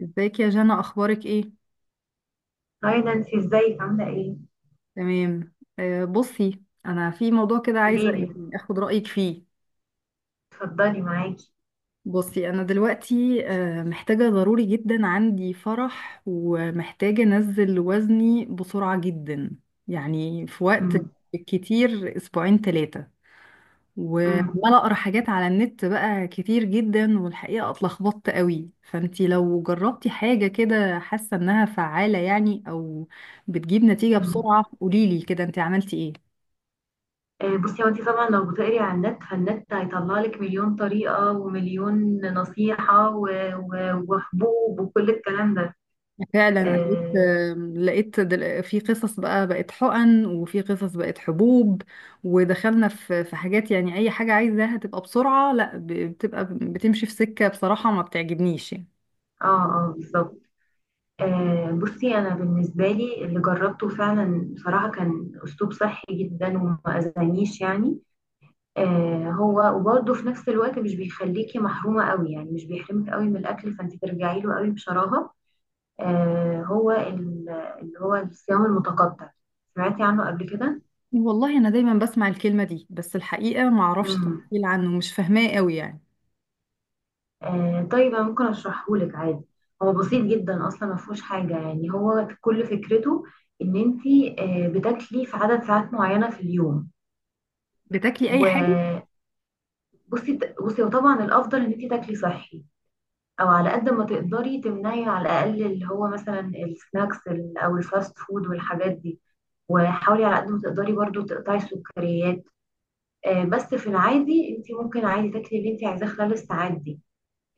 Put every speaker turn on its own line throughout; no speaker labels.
ازيك يا جنى؟ اخبارك ايه؟
هاي نانسي، ازيك؟ عاملة ايه؟
تمام. بصي، انا في موضوع كده عايزه
قوليلي،
اخد رايك فيه.
اتفضلي معاكي.
بصي، انا دلوقتي محتاجه ضروري جدا، عندي فرح ومحتاجه انزل وزني بسرعه جدا. يعني في وقت
مم.
كتير، اسبوعين ثلاثه،
مم.
وعمالة اقرا حاجات على النت بقى كتير جدا، والحقيقة اتلخبطت قوي. فانتي لو جربتي حاجة كده حاسة انها فعالة يعني، او بتجيب نتيجة
مم.
بسرعة، قوليلي كده انتي عملتي ايه.
آه، بصي هو انت طبعا لو بتقري على النت فالنت هيطلع لك مليون طريقة ومليون نصيحة وحبوب وكل الكلام ده.
فعلا قريت،
اه،
لقيت في قصص بقى بقت حقن، وفي قصص بقت حبوب، ودخلنا في حاجات. يعني اي حاجة عايزاها تبقى بسرعة، لا، بتبقى بتمشي في سكة بصراحة ما بتعجبنيش يعني.
اه، آه، بالظبط. آه، بصي انا بالنسبة لي اللي جربته فعلا بصراحة كان اسلوب صحي جدا وما اذانيش يعني. آه، هو وبرضه في نفس الوقت مش بيخليكي محرومة قوي، يعني مش بيحرمك قوي من الأكل فأنت ترجعي له قوي بشراهة. آه هو ال- اللي هو الصيام المتقطع، سمعتي عنه قبل كده؟
والله انا دايما بسمع الكلمه دي، بس الحقيقه ما اعرفش
امم.
تفصيل عنه، مش فاهماه قوي يعني.
آه، طيب انا ممكن اشرحه لك عادي. هو بسيط جدا، اصلا ما فيهوش حاجه، يعني هو كل فكرته ان انت آه بتاكلي في عدد ساعات معينه في اليوم.
بتاكلي اي حاجه؟
وبصي وطبعا الافضل ان انت تاكلي صحي، او على قد ما تقدري تمنعي على الاقل اللي هو مثلا السناكس او الفاست فود والحاجات دي، وحاولي على قد ما تقدري برضو تقطعي السكريات. آه، بس في العادي انت ممكن عادي تاكلي اللي انت عايزاه خلال الساعات دي،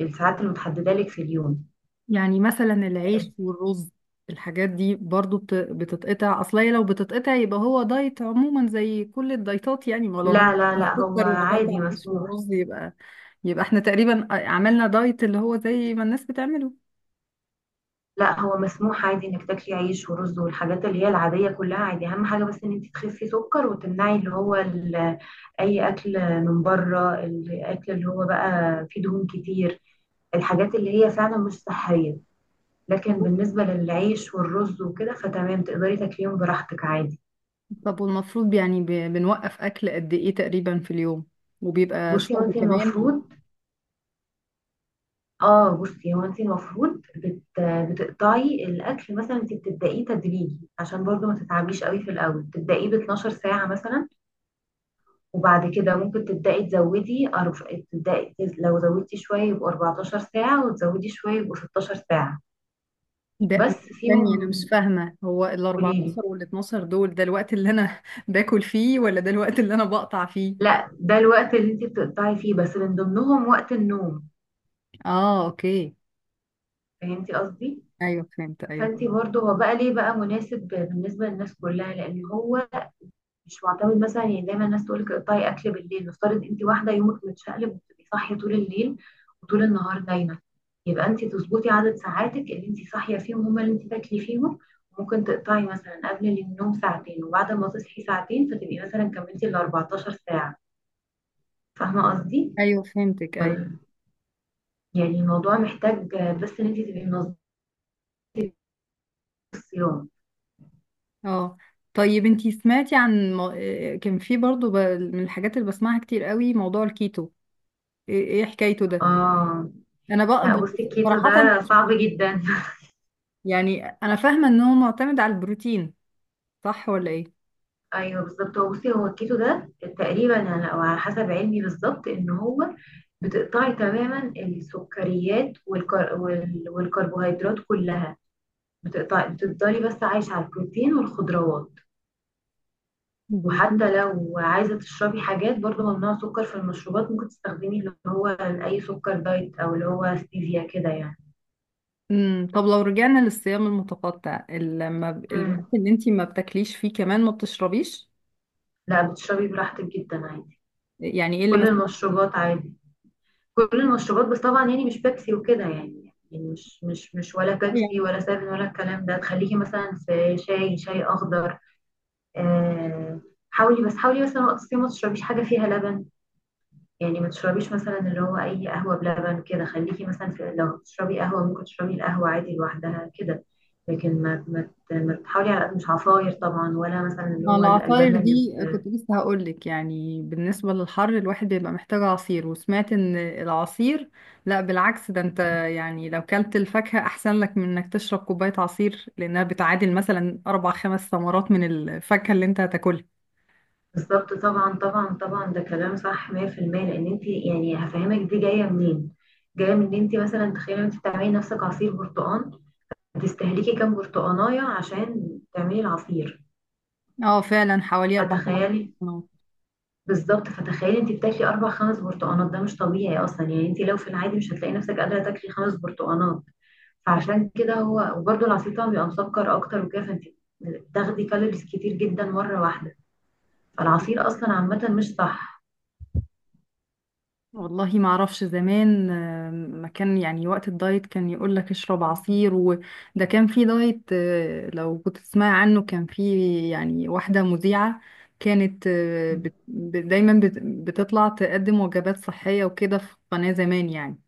الساعات المتحدده لك في اليوم.
يعني مثلا العيش والرز، الحاجات دي برضو بتتقطع؟ اصل هي لو بتتقطع يبقى هو دايت عموما زي كل الدايتات يعني، ما لو هنقطع
لا لا لا، هو
السكر
عادي
وهنقطع العيش
مسموح.
والرز يبقى، يبقى احنا تقريبا عملنا دايت اللي هو زي ما الناس بتعمله.
لا، هو مسموح عادي انك تاكلي عيش ورز والحاجات اللي هي العاديه كلها عادي. اهم حاجه بس ان انت تخسي سكر وتمنعي اللي هو اي اكل من بره، الاكل اللي هو بقى فيه دهون كتير، الحاجات اللي هي فعلا مش صحيه. لكن
طب،
بالنسبه للعيش والرز وكده فتمام، تقدري تاكليهم براحتك عادي.
طب والمفروض يعني بنوقف اكل قد ايه تقريبا في اليوم؟ وبيبقى
بصي
شرب
وانت
كمان؟
المفروض، اه بصي هو انت المفروض بتقطعي الاكل. مثلا انت بتبدأيه تدريجي عشان برضو ما تتعبيش قوي في الاول، تبدأيه ب 12 ساعة مثلا، وبعد كده ممكن تبدأي تزودي لو زودتي شوية يبقوا 14 ساعة، وتزودي شوية يبقوا 16 ساعة بس
ده تاني، انا
فيهم.
مش فاهمه، هو ال
قوليلي،
14 وال 12 دول ده الوقت اللي انا باكل فيه، ولا ده الوقت اللي انا بقطع فيه؟
لا ده الوقت اللي انت بتقطعي فيه بس من ضمنهم وقت النوم.
اه اوكي.
فهمتي قصدي؟
ايوه فهمت، ايوه
فانت
فهمت.
برضو، هو بقى ليه بقى مناسب بالنسبة للناس كلها؟ لان هو مش معتمد مثلا، يعني دايما الناس تقول لك اقطعي اكل بالليل. نفترض انت واحده يومك متشقلب وبتبقي صاحيه طول الليل وطول النهار نايمه، يبقى انت تظبطي عدد ساعاتك اللي انت صاحيه فيهم هما اللي انت تاكلي فيهم. ممكن تقطعي مثلا قبل النوم ساعتين وبعد ما تصحي ساعتين، فتبقي مثلا كملتي ال 14 ساعه. فاهمه قصدي؟
ايوه فهمتك، ايوه.
ولا- يعني الموضوع محتاج بس ان انت تبقي منظمه الصيام.
اه طيب، انتي سمعتي عن كان في برضو من الحاجات اللي بسمعها كتير قوي، موضوع الكيتو. ايه، إيه حكايته ده؟
اه.
انا بقى
لا بصي، الكيتو
صراحه،
ده
مش-
صعب جدا.
يعني انا فاهمه ان هو معتمد على البروتين، صح ولا ايه؟
ايوه بالظبط. هو بصي، هو الكيتو ده تقريبا انا او على حسب علمي بالظبط، ان هو بتقطعي تماما السكريات والكربوهيدرات كلها. بتقطعي، بتفضلي بس عايشه على البروتين والخضروات.
بروتين.
وحتى لو عايزه تشربي حاجات برضه ممنوع سكر في المشروبات، ممكن تستخدمي اللي هو اي سكر دايت او اللي هو ستيفيا كده يعني.
امم، طب لو رجعنا للصيام المتقطع، لما الوقت
امم.
اللي انتي ما بتاكليش فيه كمان ما بتشربيش؟
لا، بتشربي براحتك جدا عادي.
يعني ايه اللي
كل
مسموح؟
المشروبات عادي، كل المشروبات. بس طبعا يعني مش بيبسي وكده، يعني يعني مش ولا بيبسي
يعني
ولا سفن ولا الكلام ده. تخليكي مثلا في شاي اخضر. آه، حاولي، بس حاولي مثلا وقت الصيام ما تشربيش حاجه فيها لبن، يعني ما تشربيش مثلا اللي هو اي قهوه بلبن كده. خليكي مثلا في، لو تشربي قهوه ممكن تشربي القهوه عادي لوحدها كده. لكن ما تحاولي على قد، مش عصاير طبعا ولا مثلا اللي
مع
هو
العصاير
الالبان.
دي، كنت لسه هقول لك، يعني بالنسبة للحر الواحد بيبقى محتاج عصير. وسمعت ان العصير، لا بالعكس، ده انت يعني لو كلت الفاكهة احسن لك من انك تشرب كوباية عصير، لانها بتعادل مثلا اربع خمس ثمرات من الفاكهة اللي انت هتاكلها.
بالضبط، طبعًا، طبعًا، طبعًا، ده كلام صح 100%. لإن أنتِ، يعني هافهمِك دي جاية منين، جاية من إن أنتِ مثلًا تخيلي أنتِ بتعملي لنفسِك عصير برتقان، هتستهلكي كام برتقاناية عشان تعملي العصير،
اه فعلا، حوالي اربع خمس
فتخيلي، بالضبط، فتخيلي أنتِ بتاكلي 4، 5 برتقانات، ده مش طبيعي أصلًا. يعني أنتِ لو في العادي مش هتلاقي نفسِك قادرة تاكلي 5 برتقانات. فعشان كده هو وبرضه العصير طبعًا بيبقى مسكر أكتر وكده، فأنتِ بتاخدي كالوريز كتير جدًا مرة واحدة.
ثمرات.
فالعصير أصلًا عامةً مش صح.
والله ما اعرفش، زمان، ما كان يعني وقت الدايت كان يقول لك اشرب عصير. وده كان في دايت، لو كنت تسمع عنه، كان في يعني واحدة مذيعة كانت،
إمم.
دايما بتطلع تقدم وجبات صحية وكده في قناة زمان يعني.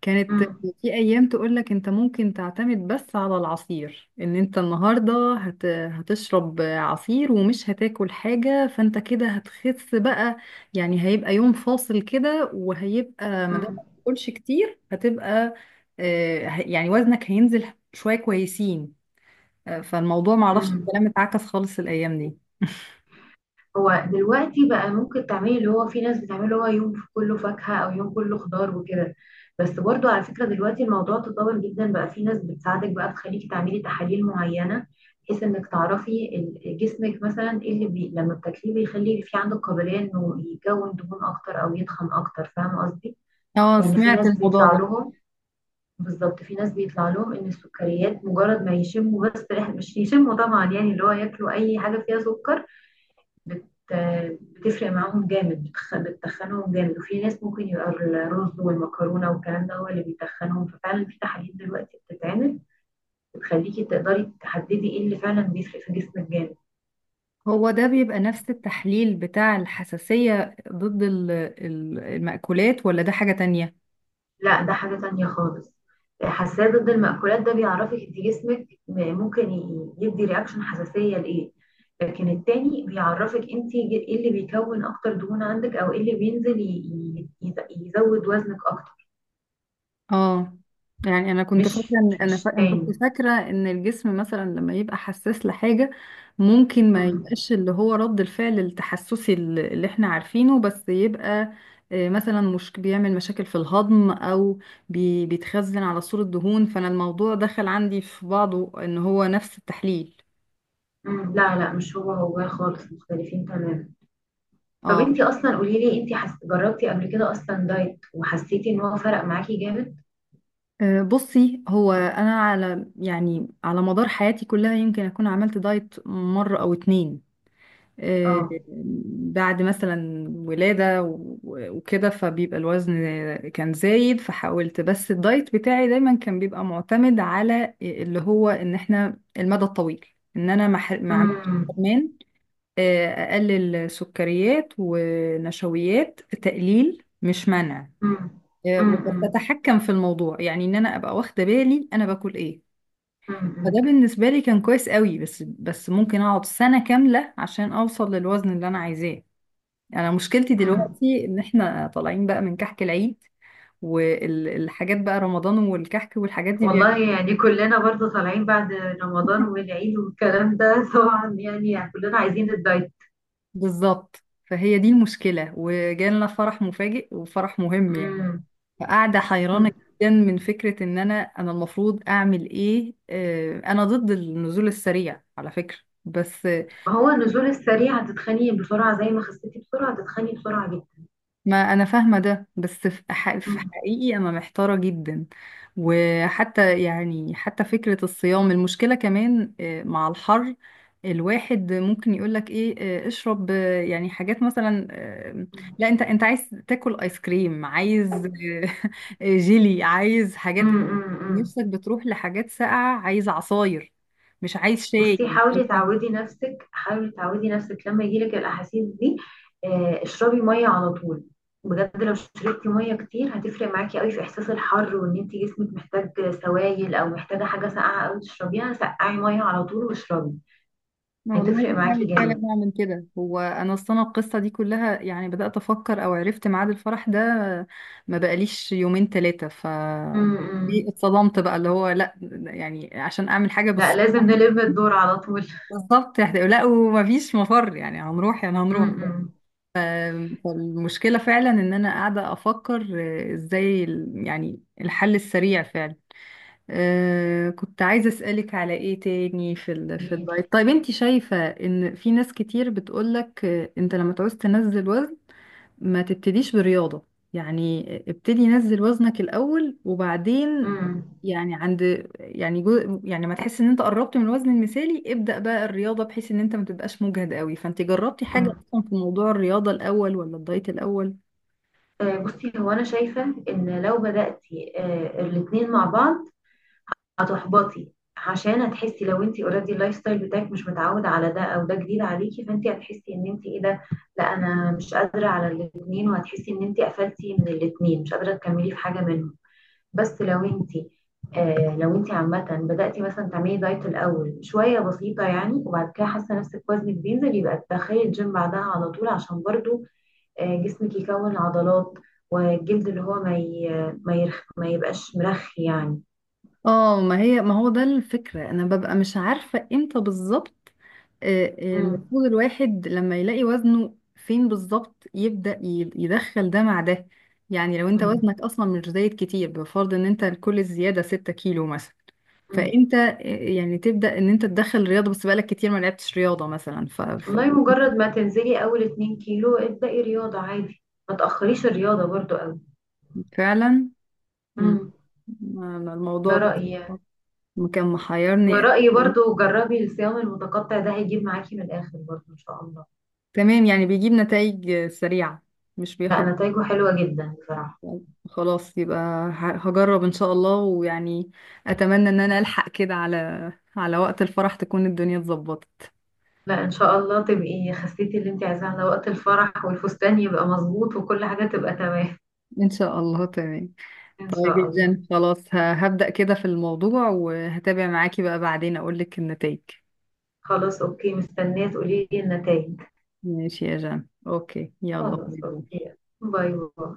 كانت
إمم.
في ايام تقول لك انت ممكن تعتمد بس على العصير، ان انت النهاردة هتشرب عصير ومش هتاكل حاجة، فانت كده هتخس بقى. يعني هيبقى يوم فاصل كده، وهيبقى ما دام
إمم.
ما تاكلش كتير هتبقى، يعني وزنك هينزل شوية كويسين. فالموضوع معرفش
امم.
الكلام اتعكس خالص الأيام دي.
هو دلوقتي بقى ممكن تعملي اللي هو في ناس بتعمله، اللي هو يوم كله فاكهة او يوم كله خضار وكده. بس برضو على فكرة دلوقتي الموضوع تطور جدا، بقى في ناس بتساعدك بقى تخليكي تعملي تحاليل معينة، بحيث انك تعرفي جسمك مثلا ايه اللي لما بتاكليه بيخلي في عندك قابلية انه يكون دهون اكتر او يتخن اكتر. فاهمة قصدي؟
اه
يعني في
سمعت
ناس
الموضوع
بيطلع
ده.
لهم، بالظبط، في ناس بيطلع لهم ان السكريات مجرد ما يشموا بس ريحة، مش يشموا طبعا، يعني اللي هو ياكلوا اي حاجة فيها سكر، بت... بتفرق معاهم جامد، بتتخنهم جامد. وفي ناس ممكن يبقى الرز والمكرونه والكلام ده هو اللي بيتخنهم. ففعلا في تحاليل دلوقتي بتتعمل بتخليكي تقدري تحددي ايه اللي فعلا بيفرق في جسمك جامد.
هو ده بيبقى نفس التحليل بتاع الحساسية ضد المأكولات، ولا ده حاجة تانية؟
لا ده حاجه تانية خالص. حساسيه ضد المأكولات ده بيعرفك انت جسمك ممكن يدي رياكشن حساسيه لايه، لكن التاني بيعرفك انت ايه اللي بيكون اكتر دهون عندك او ايه اللي بينزل يزود وزنك اكتر.
اه. يعني انا كنت فاكره
مش
ان انا
مش
أنا كنت
تاني
فاكره ان الجسم مثلا لما يبقى حساس لحاجه، ممكن ما
مم.
يبقاش اللي هو رد الفعل التحسسي اللي احنا عارفينه، بس يبقى مثلا مش بيعمل مشاكل في الهضم، او بيتخزن على صورة دهون. فانا الموضوع دخل عندي في بعضه ان هو نفس التحليل.
مم، لا مش هو، هو خالص مختلفين تماما. طب
اه
انتي اصلا قولي لي انتي جربتي قبل كده اصلا دايت وحسيتي ان هو فرق معاكي جامد؟
بصي هو انا على، يعني على مدار حياتي كلها يمكن اكون عملت دايت مره او اتنين، آه،
اه.
بعد مثلا ولادة وكده، فبيبقى الوزن كان زايد. فحاولت، بس الدايت بتاعي دايما كان بيبقى معتمد على اللي هو ان احنا المدى الطويل، ان انا ما عملتش
امم.
كمان، آه، اقلل سكريات ونشويات، تقليل مش منع.
امم.
وكنت
امم.
اتحكم في الموضوع، يعني ان انا ابقى واخده بالي انا باكل ايه.
امم.
فده بالنسبه لي كان كويس قوي، بس ممكن اقعد سنه كامله عشان اوصل للوزن اللي انا عايزاه. يعني انا مشكلتي
امم.
دلوقتي ان احنا طالعين بقى من كحك العيد، والحاجات بقى، رمضان والكحك والحاجات دي
والله يعني كلنا برضه طالعين بعد رمضان والعيد والكلام ده. طبعا يعني، يعني كلنا عايزين الدايت.
بالظبط، فهي دي المشكلة. وجالنا فرح مفاجئ وفرح مهم يعني،
امم.
فقاعدة حيرانة جدا من فكرة ان انا، انا المفروض اعمل ايه؟ انا ضد النزول السريع على فكرة، بس.
ما هو النزول السريع هتتخني بسرعة. زي ما خسيتي بسرعة هتتخني بسرعة جدا.
ما انا فاهمه ده، بس في في
امم.
حقيقي انا محتاره جدا. وحتى يعني حتى فكره الصيام، المشكله كمان، مع الحر الواحد ممكن يقولك ايه؟ اشرب، يعني حاجات مثلا، لا، انت انت عايز تاكل ايس كريم، عايز جيلي، عايز حاجات،
امم. امم.
نفسك بتروح لحاجات ساقعه، عايز عصاير، مش عايز شاي،
بصي
مش
حاولي
عايز.
تعودي نفسك، حاولي تعودي نفسك لما يجيلك الأحاسيس دي، آه، اشربي مية على طول. بجد لو شربتي مية كتير هتفرق معاكي قوي في إحساس الحر وإن انت جسمك محتاج سوائل أو محتاجة حاجة ساقعة قوي تشربيها. سقعي مية على طول واشربي،
أنا والله
هتفرق معاكي
بحاول فعلا
جامد.
نعمل كده. هو انا اصلا القصه دي كلها، يعني بدات افكر او عرفت ميعاد الفرح ده ما بقاليش يومين ثلاثه. ف
امم.
إيه، اتصدمت بقى اللي هو لا، يعني عشان اعمل حاجه
لا لازم
بالصدفه.
نلم الدور على طول.
بالظبط يعني، لا، ومفيش مفر يعني، هنروح، يعني هنروح.
امم.
فالمشكله فعلا ان انا قاعده افكر، ازاي يعني الحل السريع فعلا. آه، كنت عايزة أسألك على ايه تاني في في
قوليلي.
الدايت. طيب انت شايفة ان في ناس كتير بتقولك انت لما تعوز تنزل وزن ما تبتديش برياضة؟ يعني ابتدي نزل وزنك الأول، وبعدين
امم.
يعني عند، يعني يعني ما تحس ان انت قربت من الوزن المثالي، ابدأ بقى الرياضة، بحيث ان انت ما تبقاش مجهد قوي. فانت جربتي حاجة
امم.
اصلا في موضوع الرياضة الأول ولا الدايت الأول؟
آه، بصي هو انا شايفه ان لو بداتي آه، الاتنين مع بعض هتحبطي. عشان هتحسي، لو انت اوريدي اللايف ستايل بتاعك مش متعود على ده او ده جديد عليكي، فانت هتحسي ان انت ايه ده، لا انا مش قادره على الاثنين، وهتحسي ان انت قفلتي من الاثنين مش قادره تكملي في حاجه منهم. بس لو انت آه، لو انت عامه بداتي مثلا تعملي دايت الاول شويه بسيطه يعني، وبعد كده حاسه نفسك وزنك بينزل، يبقى تدخلي الجيم بعدها على طول، عشان برضو آه جسمك يكون عضلات، والجلد اللي هو ما يبقاش مرخي يعني.
اه، ما هي، ما هو ده الفكرة، انا ببقى مش عارفة امتى بالظبط.
مم.
المفروض الواحد لما يلاقي وزنه فين بالظبط يبدأ يدخل ده مع ده؟ يعني لو انت
مم.
وزنك اصلا مش زايد كتير، بفرض ان انت كل الزيادة 6 كيلو مثلا،
مم.
فانت يعني تبدأ ان انت تدخل رياضة، بس بقالك كتير ما لعبتش رياضة مثلا،
والله مجرد ما تنزلي اول 2 كيلو ابدأي رياضة عادي، ما تأخريش الرياضة برضو قوي.
فعلا. مم،
مم.
أنا الموضوع
ده
ده
رأيي يعني.
كان محيرني.
ورأيي برضو جربي الصيام المتقطع، ده هيجيب معاكي من الآخر برضو إن شاء الله.
تمام، يعني بيجيب نتائج سريعة، مش
لا
بياخد؟
نتايجه حلوة جدا بصراحة.
خلاص يبقى، هجرب ان شاء الله. ويعني اتمنى ان انا الحق كده على، على وقت الفرح تكون الدنيا اتظبطت.
لا إن شاء الله تبقي خسيتي اللي انت عايزاه على وقت الفرح، والفستان يبقى مظبوط وكل حاجة تبقى تمام.
ان شاء الله، تمام.
إن
طيب
شاء
يا
الله.
جن، خلاص، هبدأ كده في الموضوع، وهتابع معاكي بقى بعدين اقول لك النتائج.
خلاص أوكي، مستنية تقولي لي النتايج.
ماشي يا جان، اوكي، يلا باي
خلاص
باي.
أوكي، باي باي.